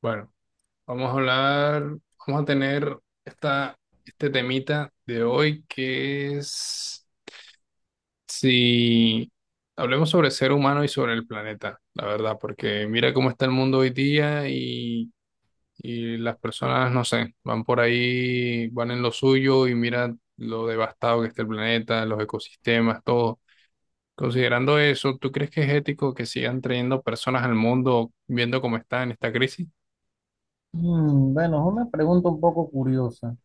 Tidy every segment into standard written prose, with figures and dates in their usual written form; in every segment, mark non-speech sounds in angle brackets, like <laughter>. Bueno, vamos a hablar, vamos a tener esta, este temita de hoy que es si hablemos sobre el ser humano y sobre el planeta, la verdad, porque mira cómo está el mundo hoy día y las personas, no sé, van por ahí, van en lo suyo y mira lo devastado que está el planeta, los ecosistemas, todo. Considerando eso, ¿tú crees que es ético que sigan trayendo personas al mundo viendo cómo está en esta crisis? Bueno, es una pregunta un poco curiosa. O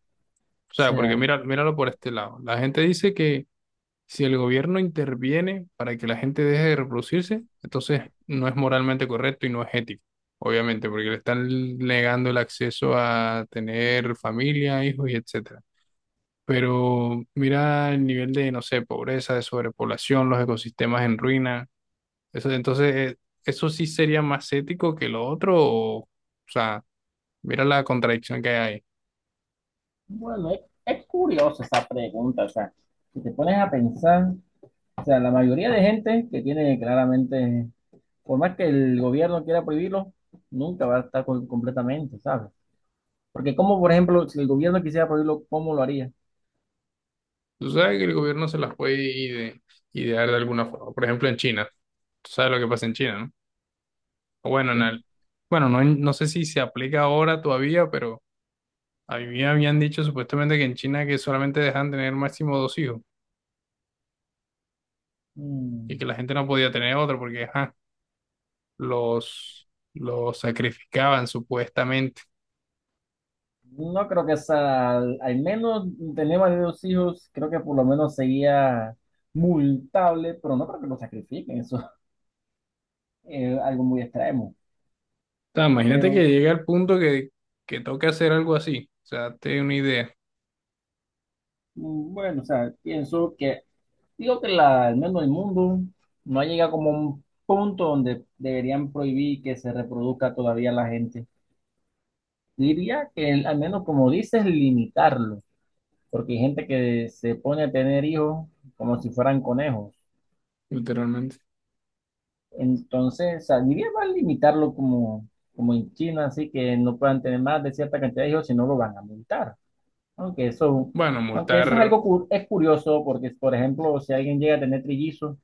O sea, porque sea, mira, míralo por este lado. La gente dice que si el gobierno interviene para que la gente deje de reproducirse, entonces no es moralmente correcto y no es ético, obviamente, porque le están negando el acceso a tener familia, hijos y etcétera. Pero mira el nivel de, no sé, pobreza, de sobrepoblación, los ecosistemas en ruina. Eso, entonces, eso sí sería más ético que lo otro. O sea, mira la contradicción que hay ahí. bueno, es, es curiosa esa pregunta. O sea, si te pones a pensar, o sea, la mayoría de gente que tiene claramente, por más que el gobierno quiera prohibirlo, nunca va a estar completamente, ¿sabes? Porque como, por ejemplo, si el gobierno quisiera prohibirlo, ¿cómo lo haría? Tú sabes que el gobierno se las puede idear de alguna forma. Por ejemplo, en China. Tú sabes lo que pasa en China, ¿no? O bueno, ¿Qué? Bueno, no, no sé si se aplica ahora todavía, pero a mí habían dicho supuestamente que en China que solamente dejan tener máximo dos hijos y que Mm, la gente no podía tener otro porque ajá, los, los sacrificaban supuestamente. no creo que sea, al menos tenemos de dos hijos, creo que por lo menos sería multable, pero no creo que lo sacrifiquen, eso es algo muy extremo. O sea, imagínate que Pero llega al punto que toque hacer algo así. O sea, te doy una idea, bueno, o sea, pienso que, digo que al menos el mundo no ha llegado como a un punto donde deberían prohibir que se reproduzca todavía la gente. Diría que al menos como dices, limitarlo, porque hay gente que se pone a tener hijos como si fueran conejos. literalmente. Entonces, o sea, diría más limitarlo como, como en China, así que no puedan tener más de cierta cantidad de hijos, si no lo van a multar. Aunque eso, Bueno, aunque eso es multar, algo es curioso, porque por ejemplo, si alguien llega a tener trillizos,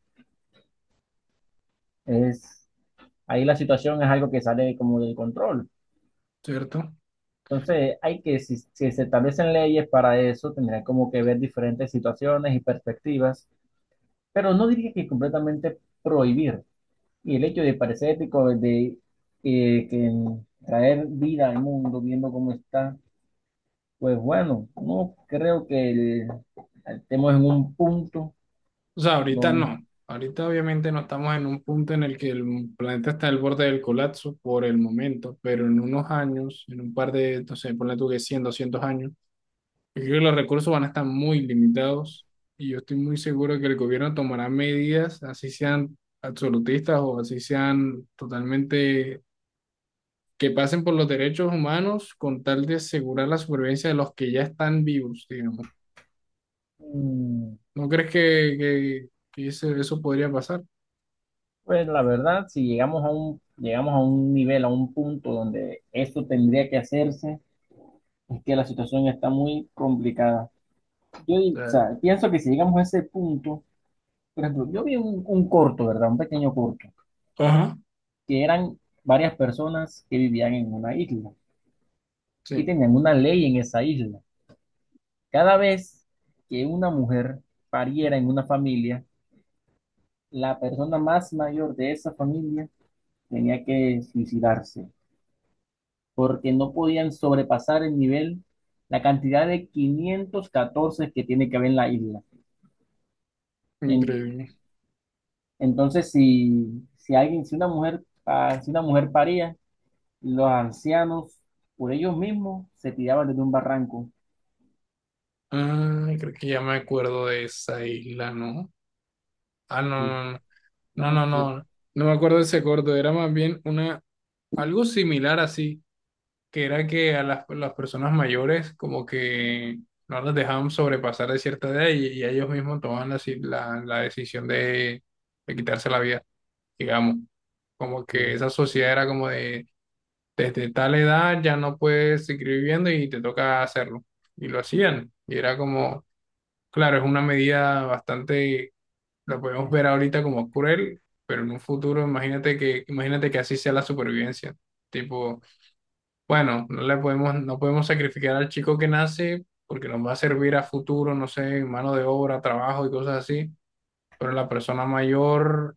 Es, ahí la situación es algo que sale como del control. ¿cierto? Entonces, hay que, si se establecen leyes para eso, tendrían como que ver diferentes situaciones y perspectivas, pero no diría que completamente prohibir. Y el hecho de parecer ético de que traer vida al mundo viendo cómo está, pues bueno, no creo que estemos en un punto O sea, ahorita donde. no. Ahorita obviamente no estamos en un punto en el que el planeta está al borde del colapso por el momento, pero en unos años, en un par de, entonces, ponle tú que 100, 200 años, yo creo que los recursos van a estar muy limitados y yo estoy muy seguro que el gobierno tomará medidas, así sean absolutistas o así sean totalmente que pasen por los derechos humanos con tal de asegurar la supervivencia de los que ya están vivos, digamos. ¿No crees que eso podría pasar? O Pues la verdad, si llegamos a llegamos a un nivel, a un punto donde esto tendría que hacerse, es que la situación está muy complicada. Yo, o sea, sea, pienso que si llegamos a ese punto, por ejemplo, yo vi un corto, ¿verdad? Un pequeño corto, ajá. que eran varias personas que vivían en una isla y Sí, tenían una ley en esa isla. Cada vez que una mujer pariera en una familia, la persona más mayor de esa familia tenía que suicidarse, porque no podían sobrepasar el nivel, la cantidad de 514 que tiene que haber en la isla. En- increíble. entonces, si alguien, si una mujer, si una mujer paría, los ancianos, por ellos mismos, se tiraban desde un barranco. Ah, creo que ya me acuerdo de esa isla, ¿no? Ah, Sí, no, no, no, no no, no, sé. no, no me acuerdo de ese corto, era más bien algo similar así, que era que a las personas mayores como que no las dejaban sobrepasar de cierta edad y ellos mismos tomaban la decisión de quitarse la vida, digamos. Como que Sí, esa sociedad era como de, desde tal edad ya no puedes seguir viviendo y te toca hacerlo. Y lo hacían, y era como... Claro, es una medida bastante, la podemos ver ahorita como cruel, pero en un futuro imagínate que así sea la supervivencia. Tipo, bueno, no le podemos, no podemos sacrificar al chico que nace porque nos va a servir a futuro, no sé, mano de obra, trabajo y cosas así, pero la persona mayor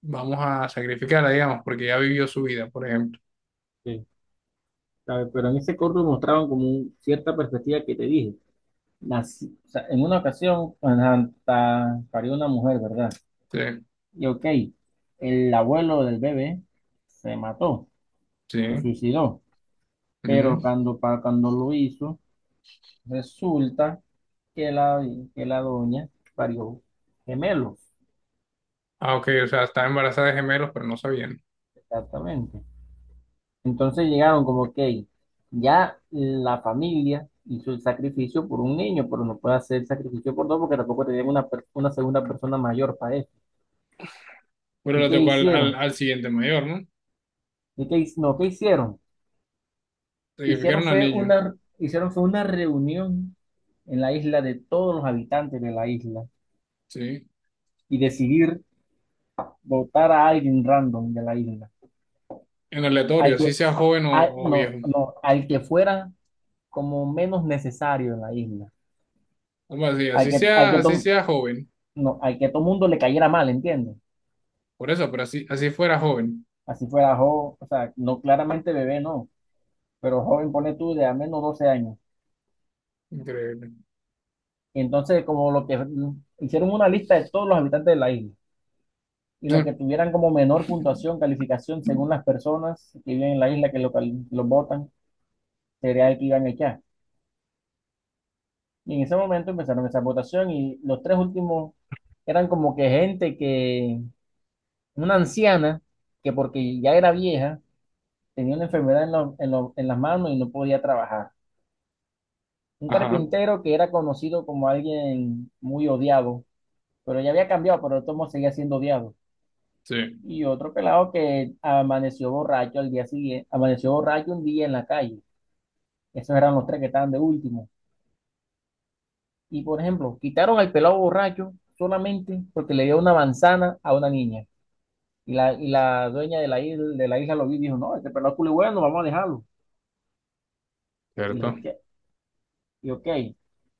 vamos a sacrificarla, digamos, porque ya vivió su vida, por ejemplo. sí. A ver, pero en ese corto mostraban como cierta perspectiva que te dije. O sea, en una ocasión, ajá, parió una mujer, ¿verdad? Sí, Y ok, el abuelo del bebé se mató, se sí. suicidó. Ujú. Pero cuando, cuando lo hizo, resulta que que la doña parió gemelos, Ah, ok, o sea, estaba embarazada de gemelos, pero no sabían. exactamente. Entonces llegaron como que ya la familia hizo el sacrificio por un niño, pero no puede hacer sacrificio por dos porque tampoco tenían una, una segunda persona mayor para eso. Bueno, ¿Y le qué tocó al, al, hicieron? al siguiente mayor, ¿no? ¿Y qué, hic- no, ¿qué hicieron? Sacrificaron al niño. Hicieron fue una reunión en la isla de todos los habitantes de la isla Sí, y decidir votar a alguien random de la isla, en aleatorio, al así que, sea joven o no, viejo. no, al que fuera como menos necesario en la isla, Algo así, al así que, al sea, que, así to- sea joven. no, al que todo mundo le cayera mal, ¿entiendes? Por eso, pero así fuera joven. Así fuera joven, o sea, no claramente bebé, no, pero joven, pone tú de al menos 12 años. Increíble. <laughs> Y entonces, como lo que hicieron una lista de todos los habitantes de la isla y Sí, lo que tuvieran como menor puntuación, calificación según las personas que viven en la isla que lo votan, sería el que iban a echar. Y en ese momento empezaron esa votación y los tres últimos eran como que gente que, una anciana, que porque ya era vieja, tenía una enfermedad en las manos y no podía trabajar. Un ajá, carpintero que era conocido como alguien muy odiado, pero ya había cambiado, pero de todos modos seguía siendo odiado. sí, Y otro pelado que amaneció borracho al día siguiente, amaneció borracho un día en la calle. Esos eran los tres que estaban de último. Y por ejemplo, quitaron al pelado borracho solamente porque le dio una manzana a una niña. Y la dueña de la isla lo vi y dijo, no, este pelado es culo bueno, vamos a dejarlo. Y cierto. dije, "Che", y ok.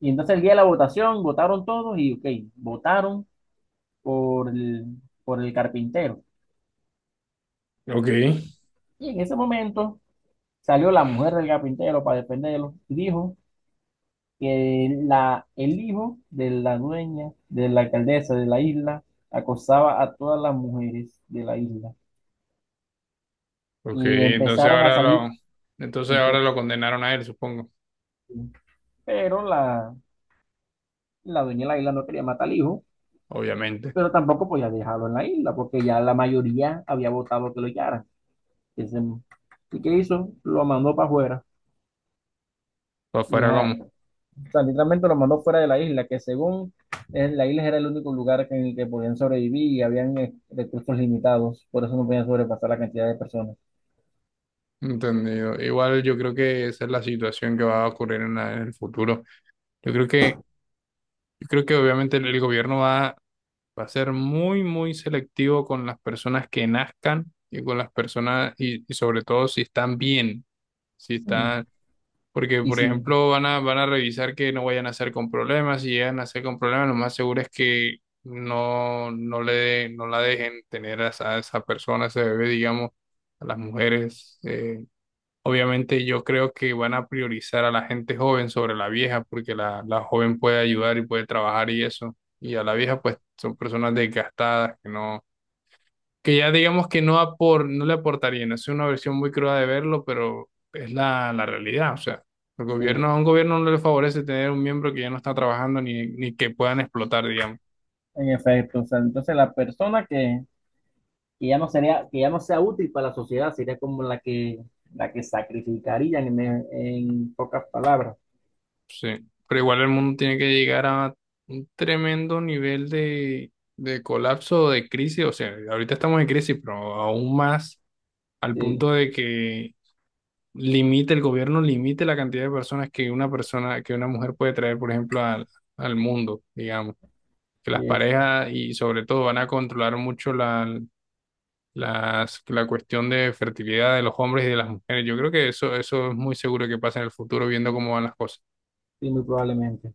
Y entonces el día de la votación, votaron todos y ok, votaron por el, por el carpintero. Ok, Y en ese momento salió la mujer del carpintero para defenderlo y dijo que el hijo de la dueña, de la alcaldesa de la isla, acosaba a todas las mujeres de la isla. ok, Y entonces empezaron a ahora lo, salir, entonces ahora empe- lo condenaron a él, supongo, pero la dueña de la isla no quería matar al hijo, obviamente. pero tampoco podía dejarlo en la isla, porque ya la mayoría había votado que lo echaran. ¿Y qué hizo? Lo mandó para afuera. O Y fuera ya, como. o sea, literalmente lo mandó fuera de la isla, que según la isla era el único lugar en el que podían sobrevivir y habían recursos limitados, por eso no podían sobrepasar la cantidad de personas. Entendido. Igual yo creo que esa es la situación que va a ocurrir en, la- en el futuro. Yo creo que, yo creo que obviamente el gobierno va a ser muy, muy selectivo con las personas que nazcan y con las personas, y sobre todo si están bien, si Sí. están, porque Y por sí, ejemplo van a revisar que no vayan a nacer con problemas, si llegan a nacer con problemas, lo más seguro es que no, no le, no la dejen tener a esa persona, a ese bebé, digamos, a las mujeres. Obviamente yo creo que van a priorizar a la gente joven sobre la vieja, porque la joven puede ayudar y puede trabajar y eso. Y a la vieja, pues, son personas desgastadas que no, que ya digamos que no le aportarían. Es una versión muy cruda de verlo, pero es la realidad. O sea, el gobierno, sí, a un gobierno no le favorece tener un miembro que ya no está trabajando ni que puedan explotar, digamos. en efecto. O sea, entonces la persona que ya no sería, que ya no sea útil para la sociedad sería como la que sacrificarían en pocas palabras. Sí, pero igual el mundo tiene que llegar a un tremendo nivel de colapso o de crisis. O sea, ahorita estamos en crisis, pero aún más al Sí. punto de que limite el gobierno, limite la cantidad de personas que una persona, que una mujer puede traer, por ejemplo, al mundo, digamos. Que Sí, las es, parejas y sobre todo van a controlar mucho la cuestión de fertilidad de los hombres y de las mujeres. Yo creo que eso es muy seguro que pasa en el futuro, viendo cómo van las cosas. sí, muy probablemente.